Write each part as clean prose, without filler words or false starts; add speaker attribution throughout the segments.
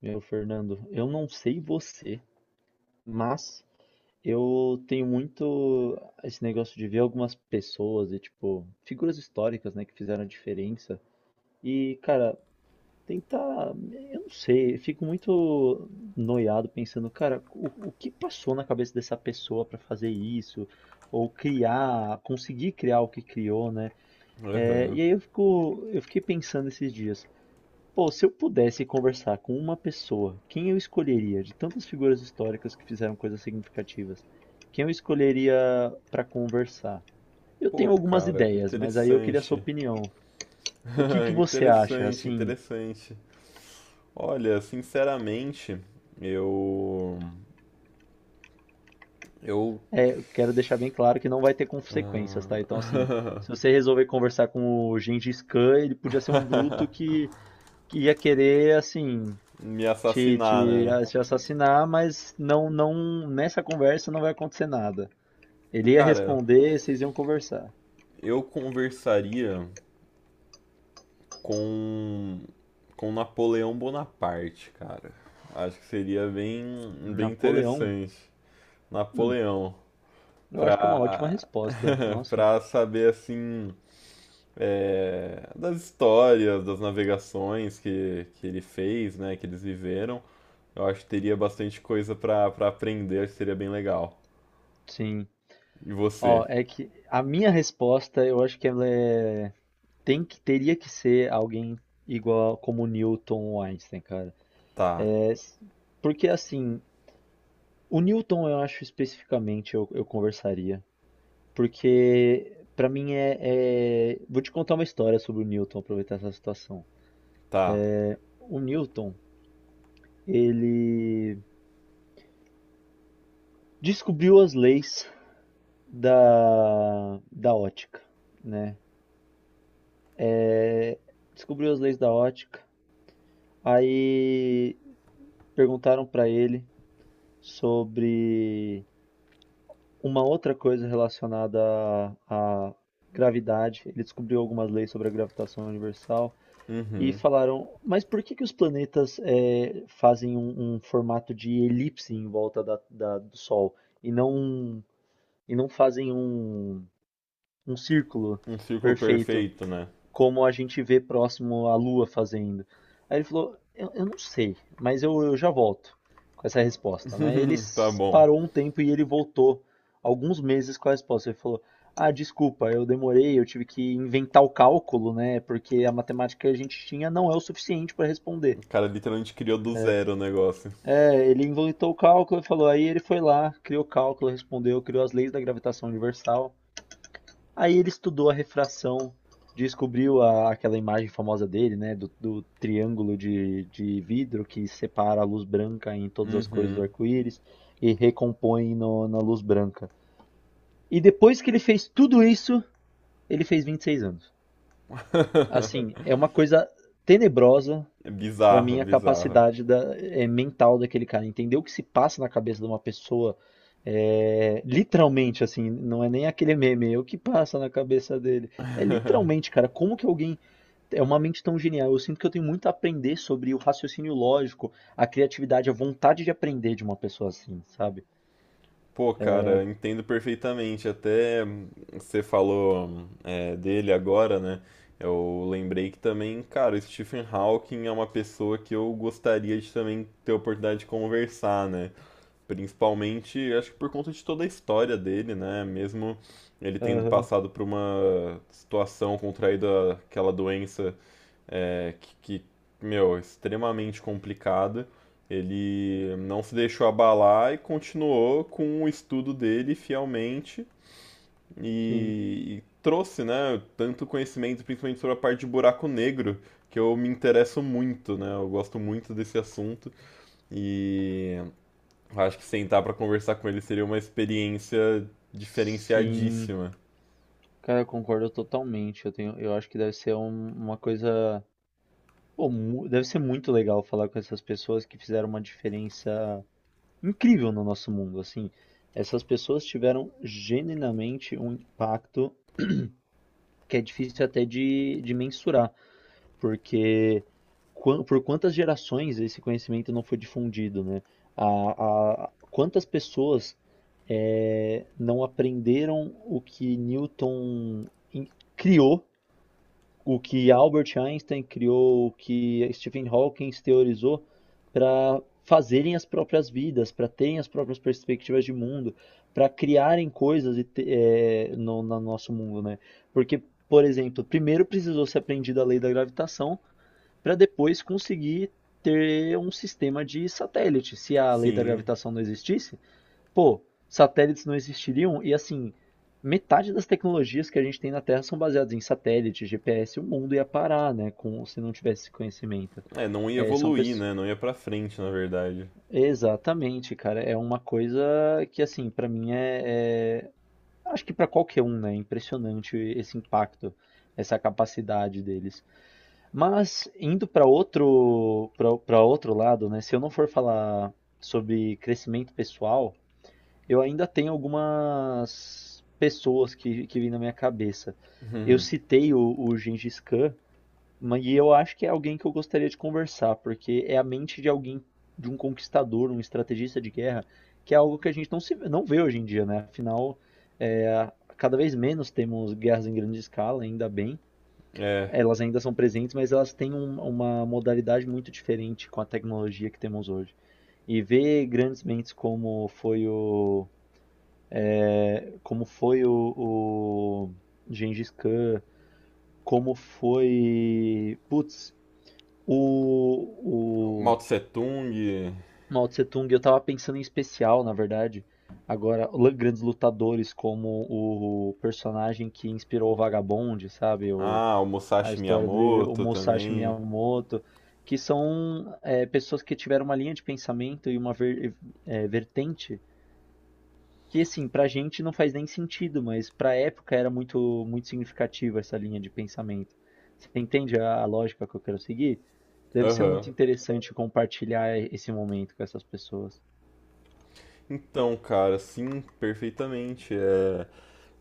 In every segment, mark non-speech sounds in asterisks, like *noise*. Speaker 1: Meu, Fernando, eu não sei você, mas eu tenho muito esse negócio de ver algumas pessoas e, tipo, figuras históricas, né, que fizeram a diferença. E, cara, tentar. Eu não sei, eu fico muito noiado pensando, cara, o que passou na cabeça dessa pessoa pra fazer isso? Ou criar, conseguir criar o que criou, né? É,
Speaker 2: Aham.
Speaker 1: e aí eu fiquei pensando esses dias. Pô, se eu pudesse conversar com uma pessoa, quem eu escolheria de tantas figuras históricas que fizeram coisas significativas? Quem eu escolheria para conversar? Eu
Speaker 2: Pô,
Speaker 1: tenho algumas
Speaker 2: cara, que
Speaker 1: ideias, mas aí eu queria a sua
Speaker 2: interessante.
Speaker 1: opinião.
Speaker 2: *laughs*
Speaker 1: O que que você acha?
Speaker 2: Interessante,
Speaker 1: Assim,
Speaker 2: interessante. Olha, sinceramente, eu. Eu.
Speaker 1: eu quero deixar bem claro que não vai ter consequências, tá? Então, assim,
Speaker 2: ah,
Speaker 1: se você
Speaker 2: *laughs*
Speaker 1: resolver conversar com o Gengis Khan, ele podia ser um bruto que ia querer, assim,
Speaker 2: me
Speaker 1: te,
Speaker 2: assassinar,
Speaker 1: te,
Speaker 2: né?
Speaker 1: te assassinar, mas não, não, nessa conversa não vai acontecer nada. Ele ia
Speaker 2: Cara,
Speaker 1: responder, vocês iam conversar.
Speaker 2: eu conversaria com. Com Napoleão Bonaparte, cara. Acho que seria bem, bem
Speaker 1: Napoleão?
Speaker 2: interessante.
Speaker 1: Hum,
Speaker 2: Napoleão,
Speaker 1: eu acho que é uma ótima
Speaker 2: pra.
Speaker 1: resposta.
Speaker 2: *laughs*
Speaker 1: Nossa,
Speaker 2: pra saber assim. Das histórias, das navegações que ele fez, né, que eles viveram. Eu acho que teria bastante coisa pra aprender, acho que seria bem legal.
Speaker 1: sim.
Speaker 2: E
Speaker 1: Ó,
Speaker 2: você?
Speaker 1: é que a minha resposta, eu acho que ela é... Teria que ser alguém igual como Newton ou Einstein, cara.
Speaker 2: Tá,
Speaker 1: É, s- Porque assim, o Newton eu acho especificamente eu conversaria. Porque pra mim vou te contar uma história sobre o Newton, aproveitar essa situação.
Speaker 2: tá.
Speaker 1: O Newton, ele descobriu as leis da ótica, né? É, Descobriu as leis da ótica, aí perguntaram para ele sobre uma outra coisa relacionada à gravidade. Ele descobriu algumas leis sobre a gravitação universal e
Speaker 2: Uhum.
Speaker 1: falaram, mas por que que os planetas fazem um formato de elipse em volta do Sol e não e não fazem um, um círculo
Speaker 2: Um círculo
Speaker 1: perfeito,
Speaker 2: perfeito, né?
Speaker 1: como a gente vê próximo à Lua fazendo. Aí ele falou: Eu não sei, mas eu já volto com essa resposta, né? Ele
Speaker 2: *laughs* Tá bom.
Speaker 1: parou um tempo e ele voltou alguns meses com a resposta. Ele falou: Ah, desculpa, eu demorei, eu tive que inventar o cálculo, né? Porque a matemática que a gente tinha não é o suficiente para responder.
Speaker 2: O cara literalmente criou do zero o negócio.
Speaker 1: Ele inventou o cálculo e falou: aí ele foi lá, criou o cálculo, respondeu, criou as leis da gravitação universal. Aí ele estudou a refração, descobriu aquela imagem famosa dele, né, do triângulo de vidro que separa a luz branca em todas as cores do
Speaker 2: Uhum.
Speaker 1: arco-íris e recompõe na luz branca. E depois que ele fez tudo isso, ele fez 26 anos. Assim, é uma coisa tenebrosa,
Speaker 2: É
Speaker 1: para
Speaker 2: bizarro,
Speaker 1: mim, a
Speaker 2: bizarro.
Speaker 1: capacidade mental daquele cara, entender o que se passa na cabeça de uma pessoa, literalmente, assim, não é nem aquele meme, é o que passa na cabeça dele. É literalmente, cara, como que alguém é uma mente tão genial? Eu sinto que eu tenho muito a aprender sobre o raciocínio lógico, a criatividade, a vontade de aprender de uma pessoa assim, sabe?
Speaker 2: Pô, cara, entendo perfeitamente. Até você falou dele agora, né? Eu lembrei que também, cara, o Stephen Hawking é uma pessoa que eu gostaria de também ter a oportunidade de conversar, né? Principalmente, acho que por conta de toda a história dele, né? Mesmo ele tendo
Speaker 1: Aham,
Speaker 2: passado por uma situação contraído aquela doença é, que, que, meu, é extremamente complicada. Ele não se deixou abalar e continuou com o estudo dele fielmente
Speaker 1: sim.
Speaker 2: e, trouxe, né, tanto conhecimento, principalmente sobre a parte de buraco negro, que eu me interesso muito, né? Eu gosto muito desse assunto e acho que sentar para conversar com ele seria uma experiência
Speaker 1: Sim,
Speaker 2: diferenciadíssima.
Speaker 1: cara, eu concordo totalmente. Eu acho que deve ser uma coisa. Pô, deve ser muito legal falar com essas pessoas que fizeram uma diferença incrível no nosso mundo, assim. Essas pessoas tiveram genuinamente um impacto que é difícil até de mensurar, porque por quantas gerações esse conhecimento não foi difundido, né? Quantas pessoas não aprenderam o que Newton criou, o que Albert Einstein criou, o que Stephen Hawking teorizou para fazerem as próprias vidas, para terem as próprias perspectivas de mundo, para criarem coisas e no nosso mundo, né? Porque, por exemplo, primeiro precisou ser aprendida a lei da gravitação para depois conseguir ter um sistema de satélite. Se a lei da
Speaker 2: Sim,
Speaker 1: gravitação não existisse, pô, satélites não existiriam e, assim, metade das tecnologias que a gente tem na Terra são baseadas em satélite, GPS, o mundo ia parar, né, com se não tivesse esse conhecimento.
Speaker 2: é, não ia
Speaker 1: São
Speaker 2: evoluir,
Speaker 1: pessoas...
Speaker 2: né? Não ia para frente, na verdade.
Speaker 1: Exatamente, cara, é uma coisa que, assim, pra mim acho que pra qualquer um, né, é impressionante esse impacto, essa capacidade deles. Mas indo pra outro para outro lado, né, se eu não for falar sobre crescimento pessoal, eu ainda tenho algumas pessoas que vêm na minha cabeça. Eu
Speaker 2: *laughs*
Speaker 1: citei o Gengis Khan, mas e eu acho que é alguém que eu gostaria de conversar, porque é a mente de alguém, de um conquistador, um estrategista de guerra, que é algo que a gente não vê hoje em dia, né? Afinal, é, cada vez menos temos guerras em grande escala, ainda bem.
Speaker 2: é,
Speaker 1: Elas ainda são presentes, mas elas têm uma modalidade muito diferente com a tecnologia que temos hoje. E ver grandes mentes como foi o Gengis Khan, como foi. Putz, o,
Speaker 2: Mao
Speaker 1: o
Speaker 2: Tse Tung.
Speaker 1: Mao Tse Tung, eu tava pensando em especial, na verdade. Agora, grandes lutadores como o personagem que inspirou o Vagabond, sabe?
Speaker 2: Ah, o
Speaker 1: A
Speaker 2: Musashi
Speaker 1: história do livro, o
Speaker 2: Miyamoto
Speaker 1: Musashi
Speaker 2: também.
Speaker 1: Miyamoto, que são pessoas que tiveram uma linha de pensamento e uma vertente que, assim, pra gente não faz nem sentido, mas pra época era muito muito significativa essa linha de pensamento. Você entende a lógica que eu quero seguir? Deve ser
Speaker 2: Aham.
Speaker 1: muito interessante compartilhar esse momento com essas pessoas.
Speaker 2: Então, cara, sim, perfeitamente. É,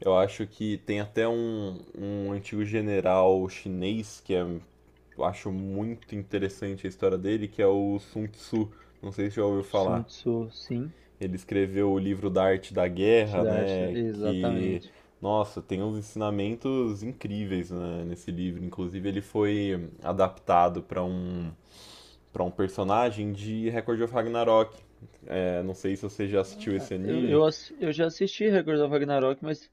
Speaker 2: eu acho que tem até um antigo general chinês eu acho muito interessante a história dele, que é o Sun Tzu. Não sei se já ouviu
Speaker 1: Sun
Speaker 2: falar.
Speaker 1: Tzu, sim.
Speaker 2: Ele escreveu o livro da Arte da Guerra,
Speaker 1: Siddhartha,
Speaker 2: né? Que,
Speaker 1: exatamente.
Speaker 2: nossa, tem uns ensinamentos incríveis, né, nesse livro. Inclusive, ele foi adaptado para um personagem de Record of Ragnarok. É, não sei se você já assistiu esse
Speaker 1: Ah, Eu,
Speaker 2: anime.
Speaker 1: eu, ass- eu já assisti Record of Ragnarok, mas,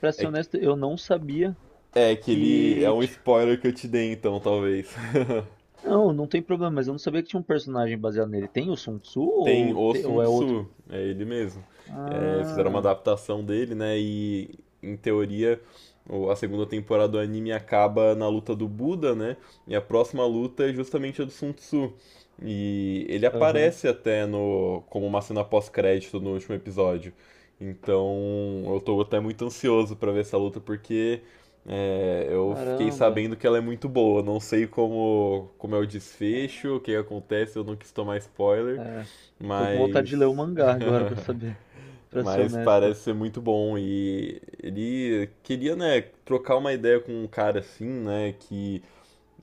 Speaker 1: pra ser
Speaker 2: É,
Speaker 1: honesto, eu não sabia
Speaker 2: é que ele é
Speaker 1: que.
Speaker 2: um
Speaker 1: ti-
Speaker 2: spoiler que eu te dei, então, talvez. *laughs*
Speaker 1: Não, não tem problema, mas eu não sabia que tinha um personagem baseado nele. Tem o Sun Tzu,
Speaker 2: Tem o Sun
Speaker 1: ou é outro?
Speaker 2: Tzu, é ele mesmo. É, fizeram uma
Speaker 1: Ah,
Speaker 2: adaptação dele, né? E em teoria a segunda temporada do anime acaba na luta do Buda, né? E a próxima luta é justamente a do Sun Tzu. E ele
Speaker 1: aham.
Speaker 2: aparece até no como uma cena pós-crédito no último episódio. Então eu tô até muito ansioso pra ver essa luta porque eu fiquei
Speaker 1: Caramba.
Speaker 2: sabendo que ela é muito boa. Não sei como é o desfecho, o que acontece, eu não quis tomar spoiler.
Speaker 1: É, Tô com vontade de ler o
Speaker 2: Mas.
Speaker 1: mangá agora pra saber,
Speaker 2: *laughs*
Speaker 1: pra ser
Speaker 2: Mas
Speaker 1: honesto.
Speaker 2: parece ser muito bom. E ele queria, né, trocar uma ideia com um cara assim, né, que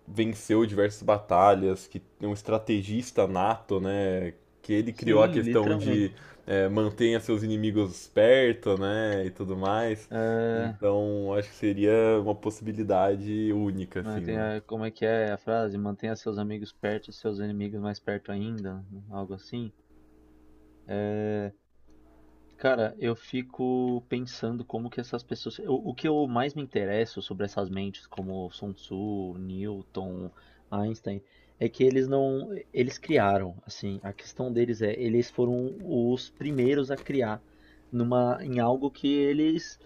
Speaker 2: venceu diversas batalhas, que é um estrategista nato, né, que ele criou a
Speaker 1: Sim,
Speaker 2: questão
Speaker 1: literalmente.
Speaker 2: de mantenha seus inimigos perto, né, e tudo mais. Então acho que seria uma possibilidade única, assim, né?
Speaker 1: Como é que é a frase? Mantenha seus amigos perto e seus inimigos mais perto ainda, né? Algo assim. Cara, eu fico pensando como que essas pessoas. O que eu mais me interesso sobre essas mentes, como Sun Tzu, Newton, Einstein, é que eles não. Eles criaram, assim. A questão deles é, eles foram os primeiros a criar em algo que eles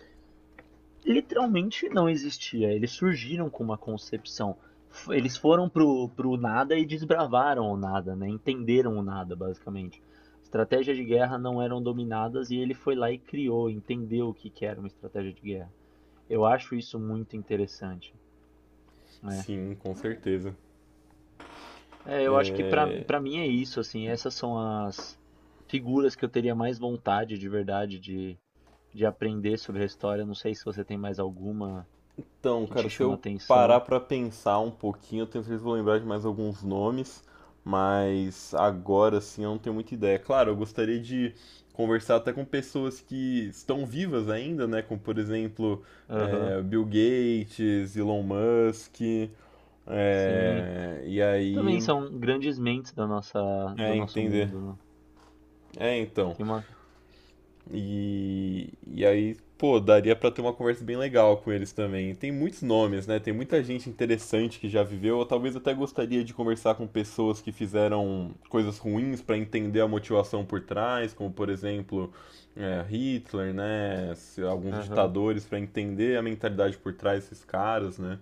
Speaker 1: literalmente não existia. Eles surgiram com uma concepção. Eles foram pro nada e desbravaram o nada, né? Entenderam o nada, basicamente. Estratégias de guerra não eram dominadas e ele foi lá e criou, entendeu o que que era uma estratégia de guerra. Eu acho isso muito interessante, né?
Speaker 2: Sim, com certeza.
Speaker 1: Eu acho que pra para mim é isso, assim, essas são as figuras que eu teria mais vontade de verdade de aprender sobre a história. Não sei se você tem mais alguma
Speaker 2: Então,
Speaker 1: que
Speaker 2: cara,
Speaker 1: te
Speaker 2: se
Speaker 1: chama
Speaker 2: eu parar
Speaker 1: atenção.
Speaker 2: pra pensar um pouquinho, eu tenho certeza que vou lembrar de mais alguns nomes, mas agora sim eu não tenho muita ideia. Claro, eu gostaria de conversar até com pessoas que estão vivas ainda, né? Como, por exemplo,
Speaker 1: Aham.
Speaker 2: Bill Gates, Elon Musk,
Speaker 1: Sim.
Speaker 2: e
Speaker 1: Também
Speaker 2: aí,
Speaker 1: são grandes mentes da nossa do nosso
Speaker 2: entender.
Speaker 1: mundo, né.
Speaker 2: É, então.
Speaker 1: Tem uma.
Speaker 2: E aí, pô, daria pra ter uma conversa bem legal com eles também. Tem muitos nomes, né? Tem muita gente interessante que já viveu. Eu talvez até gostaria de conversar com pessoas que fizeram coisas ruins pra entender a motivação por trás, como por exemplo, Hitler, né? Alguns
Speaker 1: Aham.
Speaker 2: ditadores pra entender a mentalidade por trás desses caras, né?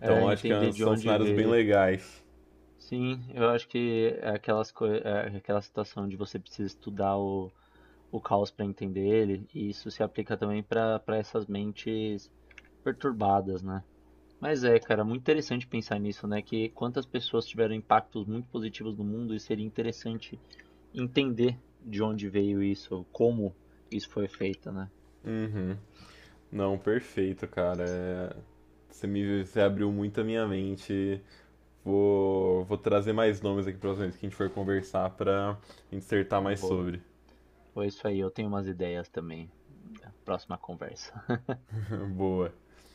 Speaker 1: É,
Speaker 2: Então acho que
Speaker 1: entender de
Speaker 2: são
Speaker 1: onde
Speaker 2: cenários bem
Speaker 1: veio.
Speaker 2: legais.
Speaker 1: Sim, eu acho que é aquelas coi é aquela situação de você precisa estudar o caos para entender ele, e isso se aplica também para essas mentes perturbadas, né. Mas é, cara, muito interessante pensar nisso, né, que quantas pessoas tiveram impactos muito positivos no mundo e seria interessante entender de onde veio isso, como isso foi feito, né.
Speaker 2: Uhum. Não, perfeito, cara. É, você abriu muito a minha mente. Vou trazer mais nomes aqui para vocês que a gente for conversar para insertar mais
Speaker 1: Boa.
Speaker 2: sobre.
Speaker 1: Foi isso aí, eu tenho umas ideias também. Próxima conversa.
Speaker 2: *laughs* Boa.